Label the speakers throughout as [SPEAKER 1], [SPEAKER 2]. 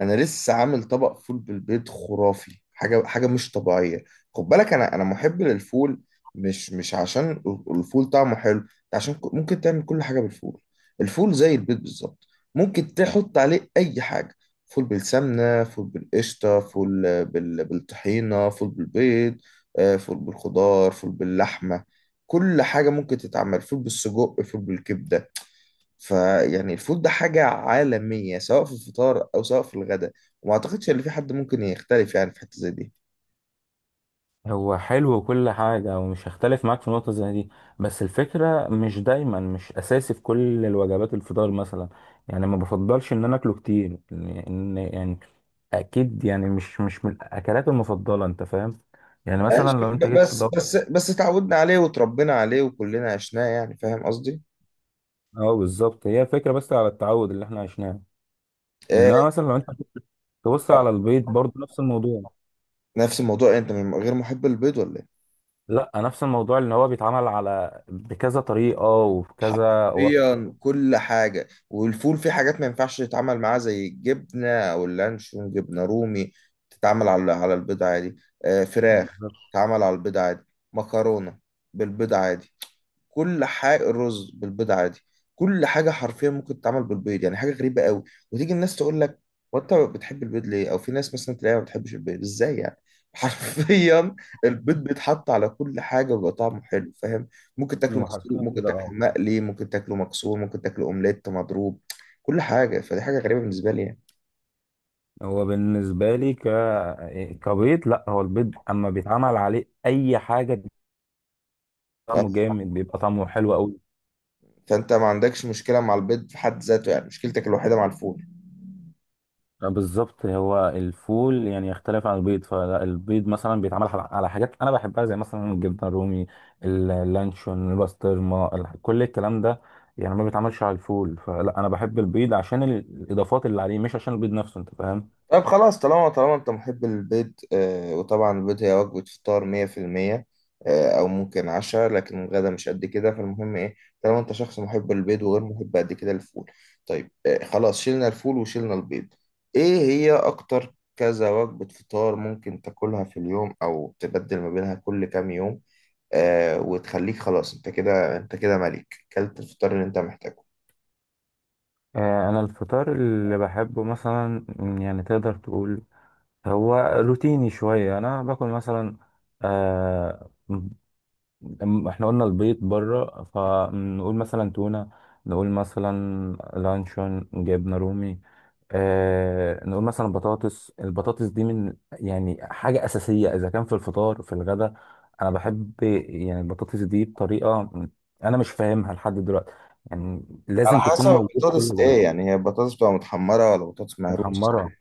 [SPEAKER 1] انا لسه عامل طبق فول بالبيض خرافي، حاجه مش طبيعيه. خد بالك انا محب للفول. مش عشان الفول طعمه حلو، عشان ممكن تعمل كل حاجه بالفول. الفول زي البيض بالظبط، ممكن تحط عليه اي حاجه. فول بالسمنه، فول بالقشطه، فول بالطحينه، فول بالبيض، فول بالخضار، فول باللحمه. كل حاجه ممكن تتعمل، فول بالسجق، فول بالكبده. فيعني الفود ده حاجة عالمية سواء في الفطار أو سواء في الغداء. وما أعتقدش إن في حد ممكن يختلف يعني في حتة زي دي.
[SPEAKER 2] هو حلو وكل حاجة ومش هختلف معاك في نقطة زي دي. بس الفكرة مش دايما، مش أساسي في كل الوجبات، الفطار مثلا، يعني ما بفضلش إن أنا أكله كتير لأن، يعني أكيد، يعني مش من الأكلات المفضلة، أنت فاهم؟ يعني مثلا
[SPEAKER 1] ماشي
[SPEAKER 2] لو أنت جيت
[SPEAKER 1] بس
[SPEAKER 2] تدور.
[SPEAKER 1] بس اتعودنا عليه وتربينا عليه وكلنا عشناه، يعني فاهم قصدي؟
[SPEAKER 2] أه بالظبط، هي فكرة بس على التعود اللي إحنا عشناه.
[SPEAKER 1] آه.
[SPEAKER 2] إنما مثلا لو أنت تبص على البيض برضه نفس الموضوع.
[SPEAKER 1] نفس الموضوع إيه، أنت من غير محب البيض ولا إيه؟
[SPEAKER 2] لا، نفس الموضوع اللي هو بيتعمل على بكذا طريقة وبكذا وصفة.
[SPEAKER 1] حرفيا كل حاجة، والفول فيه حاجات ما ينفعش يتعمل معاه زي الجبنة أو اللانشون جبنة رومي. تتعمل على البيض عادي. آه فراخ.
[SPEAKER 2] بالظبط.
[SPEAKER 1] تتعمل على البيض عادي. مكرونة بالبيض عادي. كل حاجه، الرز بالبيض عادي. كل حاجه حرفيا ممكن تتعمل بالبيض، يعني حاجه غريبه قوي. وتيجي الناس تقول لك، وانت بتحب البيض ليه؟ او في ناس مثلا تلاقيها ما بتحبش البيض، ازاي يعني؟ حرفيا، البيض بيتحط على كل حاجه وبيبقى طعمه حلو، فاهم. ممكن تاكله مسلوق،
[SPEAKER 2] وحرفيا
[SPEAKER 1] ممكن
[SPEAKER 2] كده
[SPEAKER 1] تاكله
[SPEAKER 2] اه.
[SPEAKER 1] مقلي، ممكن تاكله مكسور، ممكن تاكله اومليت مضروب. كل حاجه، فدي حاجه غريبه بالنسبه لي يعني.
[SPEAKER 2] هو بالنسبة لي كبيض، لا هو البيض اما بيتعمل عليه اي حاجة بيبقى
[SPEAKER 1] آه.
[SPEAKER 2] طعمه جامد، بيبقى طعمه حلو قوي.
[SPEAKER 1] فانت ما عندكش مشكله مع البيض في حد ذاته، يعني مشكلتك الوحيده مع الفول.
[SPEAKER 2] بالظبط هو الفول يعني يختلف عن البيض. فالبيض مثلا بيتعمل على حاجات انا بحبها زي مثلا الجبنة الرومي، اللانشون، البسطرمة، كل الكلام ده. يعني ما بيتعملش على الفول، فلا انا بحب البيض عشان الاضافات اللي عليه مش عشان البيض نفسه، انت فاهم؟
[SPEAKER 1] طب خلاص، طالما انت محب البيض. آه، وطبعا البيض هي وجبة فطار 100%. آه، او ممكن عشاء، لكن الغدا مش قد كده. فالمهم ايه، طالما انت شخص محب للبيض وغير محب قد كده للفول. طيب آه خلاص، شلنا الفول وشلنا البيض. ايه هي اكتر كذا وجبة فطار ممكن تاكلها في اليوم او تبدل ما بينها كل كام يوم؟ آه وتخليك خلاص، انت كده، ملك كلت الفطار اللي انت محتاجه.
[SPEAKER 2] آه، انا الفطار اللي بحبه مثلا، يعني تقدر تقول هو روتيني شوية. أنا باكل مثلا، آه، إحنا قلنا البيض بره، فنقول مثلا تونة، نقول مثلا لانشون، جبنة رومي، آه، نقول مثلا بطاطس. البطاطس دي من يعني حاجة أساسية إذا كان في الفطار في الغداء. أنا بحب يعني البطاطس دي بطريقة أنا مش فاهمها لحد دلوقتي، يعني
[SPEAKER 1] على
[SPEAKER 2] لازم تكون
[SPEAKER 1] حسب
[SPEAKER 2] موجودة في كل
[SPEAKER 1] البطاطس
[SPEAKER 2] الغداء.
[SPEAKER 1] ايه يعني، هي بطاطس بتبقى متحمرة ولا بطاطس مهروس؟
[SPEAKER 2] متحمرة،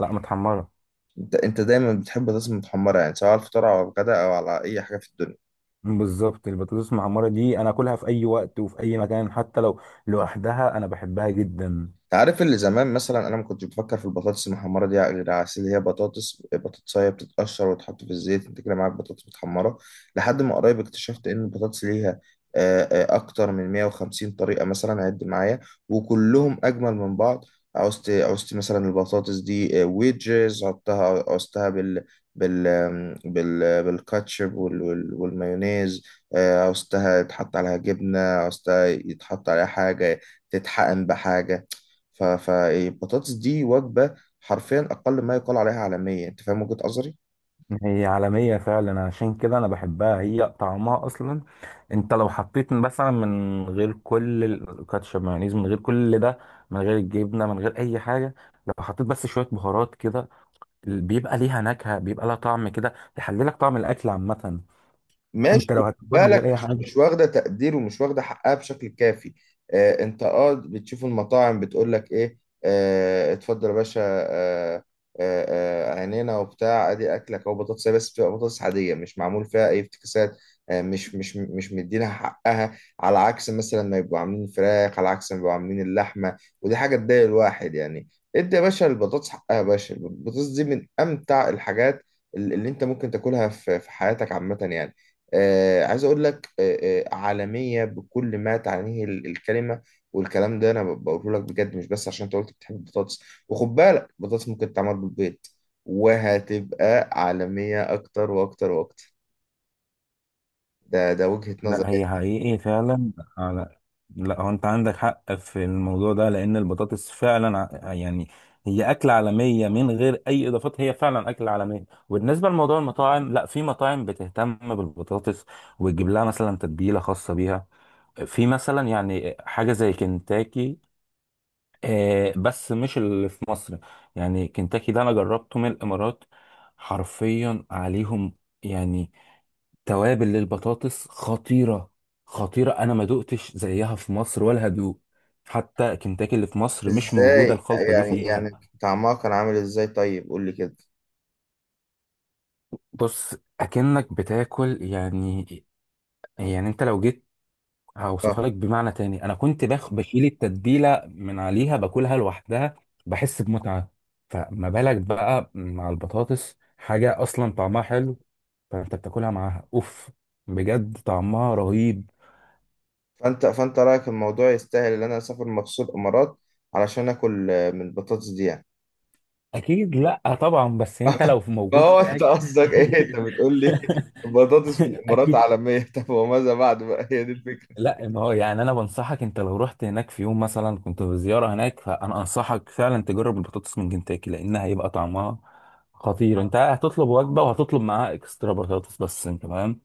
[SPEAKER 2] لا متحمرة.
[SPEAKER 1] انت دايما بتحب الرز المتحمرة، يعني سواء على الفطار او على الغداء او على اي حاجة في الدنيا.
[SPEAKER 2] بالظبط، البطاطس المحمرة دي أنا أكلها في أي وقت وفي أي مكان، حتى لو لوحدها أنا بحبها جدا.
[SPEAKER 1] عارف، اللي زمان مثلا انا ما كنتش بفكر في البطاطس المحمره دي غير على أساس اللي هي بطاطس، بطاطسايه بتتقشر وتحط في الزيت، انت كده معاك بطاطس متحمره. لحد ما قريب اكتشفت ان البطاطس ليها اكتر من 150 طريقه، مثلا عد معايا، وكلهم اجمل من بعض. عوزت مثلا البطاطس دي ويدجز، عدتها، عوزتها بال بال آم، بال بالكاتشب والمايونيز. عوزتها يتحط عليها جبنه، عوزتها يتحط عليها حاجه، تتحقن بحاجه. فالبطاطس دي وجبة، حرفيا أقل ما يقال عليها عالمية. أنت فاهم وجهة نظري؟
[SPEAKER 2] هي عالمية فعلا، عشان كده أنا بحبها، هي طعمها أصلا. أنت لو حطيت مثلا من غير كل الكاتشب، مايونيز، من غير كل ده، من غير الجبنة، من غير أي حاجة، لو حطيت بس شوية بهارات كده بيبقى ليها نكهة، بيبقى لها طعم كده يحللك طعم الأكل عامة.
[SPEAKER 1] ماشي،
[SPEAKER 2] أنت
[SPEAKER 1] خد
[SPEAKER 2] لو هتاكلها من غير
[SPEAKER 1] بالك،
[SPEAKER 2] أي
[SPEAKER 1] مش
[SPEAKER 2] حاجة.
[SPEAKER 1] واخده تقدير ومش واخده حقها بشكل كافي. آه انت، اه بتشوف المطاعم بتقول لك ايه، آه اتفضل يا باشا، آه عينينا وبتاع، ادي اكلك او بطاطس، بس بتبقى بطاطس عاديه مش معمول فيها اي افتكاسات. آه مش مدينها حقها، على عكس مثلا ما يبقوا عاملين فراخ، على عكس ما يبقوا عاملين اللحمه، ودي حاجه تضايق الواحد يعني. ادي يا باشا البطاطس حقها، يا باشا البطاطس دي من امتع الحاجات اللي انت ممكن تاكلها في حياتك عامه يعني. آه عايز اقول لك، عالميه بكل ما تعنيه الكلمه. والكلام ده انا بقوله لك بجد، مش بس عشان انت قلت بتحب البطاطس. وخد بالك البطاطس ممكن تتعمل بالبيض، وهتبقى عالميه اكتر واكتر واكتر. ده وجهه نظر
[SPEAKER 2] لا هي
[SPEAKER 1] يعني.
[SPEAKER 2] حقيقي فعلا، على، لا هو انت عندك حق في الموضوع ده لان البطاطس فعلا يعني هي اكلة عالمية من غير اي اضافات، هي فعلا اكلة عالمية. وبالنسبة لموضوع المطاعم، لا في مطاعم بتهتم بالبطاطس وتجيب لها مثلا تتبيلة خاصة بيها، في مثلا يعني حاجة زي كنتاكي، آه، بس مش اللي في مصر. يعني كنتاكي ده انا جربته من الامارات، حرفيا عليهم يعني توابل للبطاطس خطيرة. خطيرة، أنا ما دقتش زيها في مصر ولا هدوق. حتى كنتاكي اللي في مصر مش
[SPEAKER 1] ازاي؟
[SPEAKER 2] موجودة الخلطة دي
[SPEAKER 1] يعني
[SPEAKER 2] فيها.
[SPEAKER 1] طعمها كان عامل ازاي طيب، قول لي كده.
[SPEAKER 2] بص أكنك بتاكل يعني، يعني أنت لو جيت هوصفها
[SPEAKER 1] اه،
[SPEAKER 2] لك بمعنى تاني. أنا كنت باخ بشيل التتبيلة من عليها باكلها لوحدها، بحس بمتعة، فما بالك بقى مع البطاطس حاجة أصلا طعمها حلو، فأنت بتاكلها معاها أوف، بجد طعمها رهيب.
[SPEAKER 1] فانت رايك الموضوع يستاهل ان انا اسافر مخصوص الامارات، علشان اكل من البطاطس دي يعني؟
[SPEAKER 2] اكيد، لا طبعا، بس انت لو في
[SPEAKER 1] ما
[SPEAKER 2] موجود
[SPEAKER 1] هو انت
[SPEAKER 2] هناك.
[SPEAKER 1] قصدك ايه، انت بتقول لي بطاطس في الامارات
[SPEAKER 2] اكيد.
[SPEAKER 1] عالميه؟ طب وماذا بعد بقى، هي دي الفكره؟
[SPEAKER 2] لا ما هو يعني انا بنصحك، انت لو رحت هناك في يوم مثلا كنت في زياره هناك، فانا انصحك فعلا تجرب البطاطس من كنتاكي لانها هيبقى طعمها خطير. انت هتطلب وجبه وهتطلب معاها اكسترا بطاطس بس، انت فاهم؟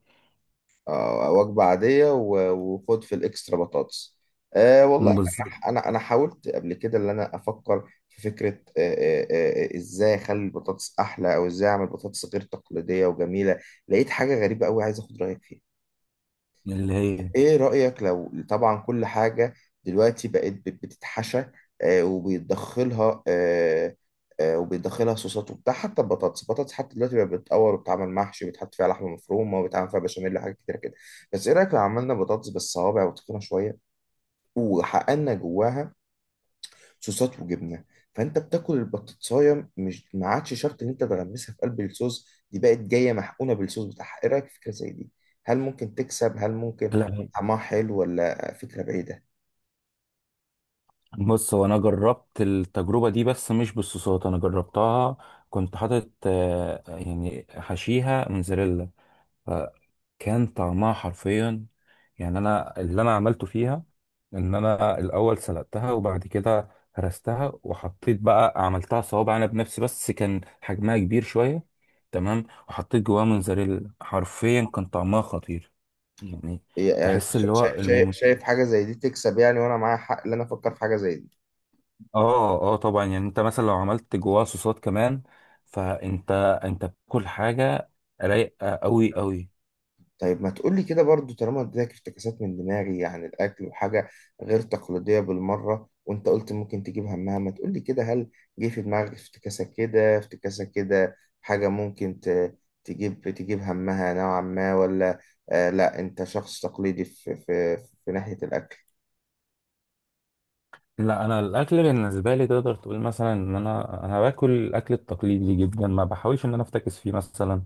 [SPEAKER 1] آه وجبه عاديه وخد في الاكسترا بطاطس. آه والله
[SPEAKER 2] بالظبط.
[SPEAKER 1] انا انا أنا حاولت قبل كده ان انا افكر في فكره، ازاي اخلي البطاطس احلى او ازاي اعمل بطاطس غير تقليديه وجميله. لقيت حاجه غريبه قوي، عايز اخد رايك فيها.
[SPEAKER 2] اللي هي.
[SPEAKER 1] ايه رأيك، لو طبعا كل حاجة دلوقتي بقت بتتحشى، وبيتدخلها آه، آه، وبيتدخلها صوصات وبتاع، حتى البطاطس، حتى دلوقتي بقت بتتقور وبتتعمل محشي وبيتحط فيها لحمة مفرومة وبيتعمل فيها بشاميل وحاجات كتيرة كده. بس ايه رأيك لو عملنا بطاطس بالصوابع وتخينة شوية، وحققنا جواها صوصات وجبنه؟ فانت بتاكل البطاطسايه، مش ما عادش شرط ان انت تغمسها في قلب الصوص، دي بقت جايه محقونه بالصوص بتاعها. ايه رايك في فكره زي دي؟ هل ممكن تكسب، هل ممكن
[SPEAKER 2] لا
[SPEAKER 1] طعمها حلو، ولا فكره بعيده؟
[SPEAKER 2] بص، هو انا جربت التجربه دي بس مش بالصوصات، انا جربتها كنت حاطط آه، يعني حشيها موزاريلا. كان طعمها حرفيا، يعني انا اللي انا عملته فيها ان انا الاول سلقتها، وبعد كده هرستها، وحطيت بقى، عملتها صوابع انا بنفسي، بس كان حجمها كبير شويه. تمام، وحطيت جواها موزاريلا، حرفيا كان طعمها خطير يعني.
[SPEAKER 1] يعني
[SPEAKER 2] تحس اللي
[SPEAKER 1] شايف،
[SPEAKER 2] هو
[SPEAKER 1] شايف حاجه زي دي تكسب يعني، وانا معايا حق ان انا افكر في حاجه زي دي؟
[SPEAKER 2] اه اه طبعا. يعني انت مثلا لو عملت جواها صوصات كمان فانت، انت بتاكل حاجه رايقه قوي قوي.
[SPEAKER 1] طيب ما تقولي كده برضو، طالما اديتك افتكاسات من دماغي عن الأكل وحاجة غير تقليدية بالمرة، وأنت قلت ممكن تجيب همها، ما تقولي كده، هل جه في دماغك افتكاسة كده، افتكاسة كده حاجة ممكن تجيب همها نوعا ما، ولا آه لا أنت شخص تقليدي في ناحية الأكل؟
[SPEAKER 2] لا انا الاكل بالنسبه لي تقدر تقول مثلا ان انا باكل الاكل التقليدي جدا، ما بحاولش ان انا افتكس فيه مثلا،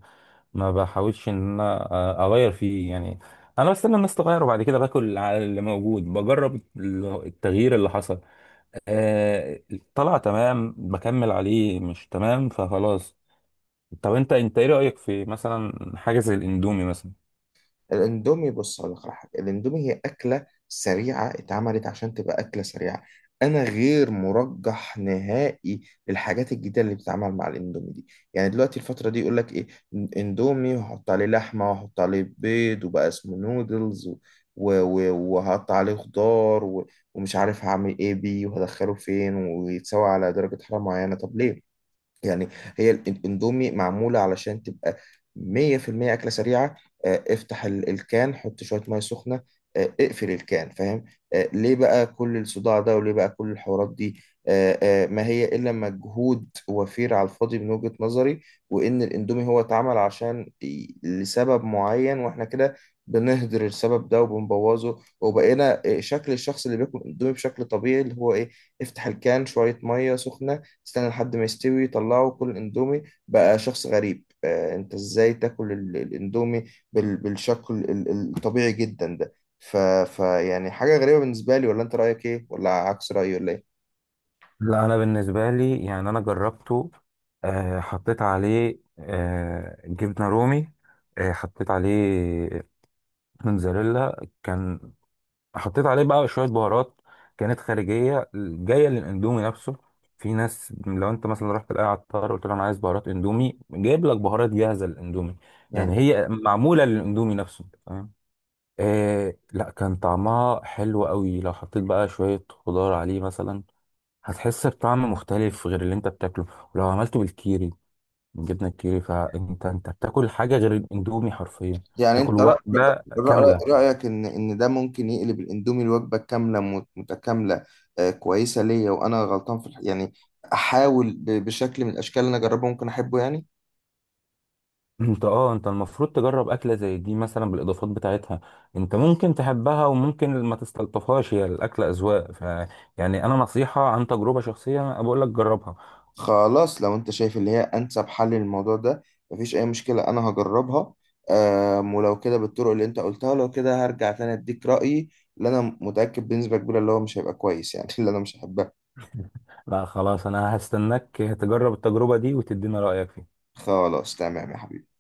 [SPEAKER 2] ما بحاولش ان انا، آه، اغير فيه يعني. انا بستنى الناس تغير وبعد كده باكل على اللي موجود، بجرب التغيير اللي حصل. آه، طلع تمام بكمل عليه، مش تمام فخلاص. طب انت ايه رايك في مثلا حاجه زي الاندومي مثلا.
[SPEAKER 1] الاندومي، بص هقول لك على حاجه. الاندومي هي اكله سريعه، اتعملت عشان تبقى اكله سريعه. انا غير مرجح نهائي للحاجات الجديده اللي بتتعمل مع الاندومي دي. يعني دلوقتي الفتره دي يقول لك ايه، اندومي وهحط عليه لحمه وهحط عليه بيض وبقى اسمه نودلز وهحط عليه خضار ومش عارف هعمل ايه بيه وهدخله فين، ويتسوى على درجه حراره معينه. طب ليه يعني؟ هي الاندومي معمولة علشان تبقى 100% أكلة سريعة. افتح الكان، حط شوية مية سخنة، اقفل الكان، فاهم. ليه بقى كل الصداع ده، وليه بقى كل الحوارات دي؟ ما هي إلا مجهود وفير على الفاضي من وجهة نظري. وإن الاندومي هو اتعمل عشان لسبب معين، وإحنا كده بنهدر السبب ده وبنبوظه، وبقينا شكل الشخص اللي بياكل اندومي بشكل طبيعي، اللي هو ايه، افتح الكان شوية مية سخنة، استنى لحد ما يستوي، طلعه، كل اندومي بقى شخص غريب. آه انت ازاي تاكل الاندومي بالشكل الطبيعي جدا ده؟ ف... ف يعني حاجة غريبة بالنسبة لي، ولا انت رأيك ايه، ولا عكس رأيي ولا ايه؟
[SPEAKER 2] لا انا بالنسبه لي يعني انا جربته، آه، حطيت عليه آه، جبنه رومي، آه، حطيت عليه موتزاريلا كان، حطيت عليه بقى شويه بهارات كانت خارجيه جايه للاندومي نفسه. في ناس لو انت مثلا رحت لاي عطار قلت له انا عايز بهارات اندومي جايب لك بهارات جاهزه للاندومي،
[SPEAKER 1] مم.
[SPEAKER 2] يعني هي معموله للاندومي نفسه، فاهم؟ آه لا كان طعمها حلو قوي. لو حطيت بقى شويه خضار عليه مثلا هتحس بطعم مختلف غير اللي انت بتاكله. ولو عملته بالكيري، بالجبنه الكيري، فانت بتاكل حاجه غير الاندومي حرفيا،
[SPEAKER 1] يعني
[SPEAKER 2] تاكل
[SPEAKER 1] انت
[SPEAKER 2] وجبه كامله.
[SPEAKER 1] رأيك ان ده ممكن يقلب الاندومي الوجبة كاملة متكاملة آه كويسة ليا، وانا غلطان في يعني احاول بشكل من الاشكال اللي انا اجربه ممكن احبه يعني.
[SPEAKER 2] انت اه انت المفروض تجرب اكله زي دي مثلا بالاضافات بتاعتها. انت ممكن تحبها وممكن ما تستلطفهاش، هي الاكله اذواق، ف يعني انا نصيحه عن تجربه شخصيه انا بقول لك جربها.
[SPEAKER 1] خلاص لو انت شايف اللي هي انسب حل للموضوع ده، مفيش اي مشكلة انا هجربها. ولو كده بالطرق اللي انت قلتها، لو كده هرجع تاني اديك رأيي، اللي انا متأكد بنسبة كبيرة اللي هو مش هيبقى كويس يعني. اللي انا مش هحبها.
[SPEAKER 2] لا خلاص انا هستناك تجرب التجربه دي وتدينا رايك فيها.
[SPEAKER 1] خلاص تمام يا حبيبي.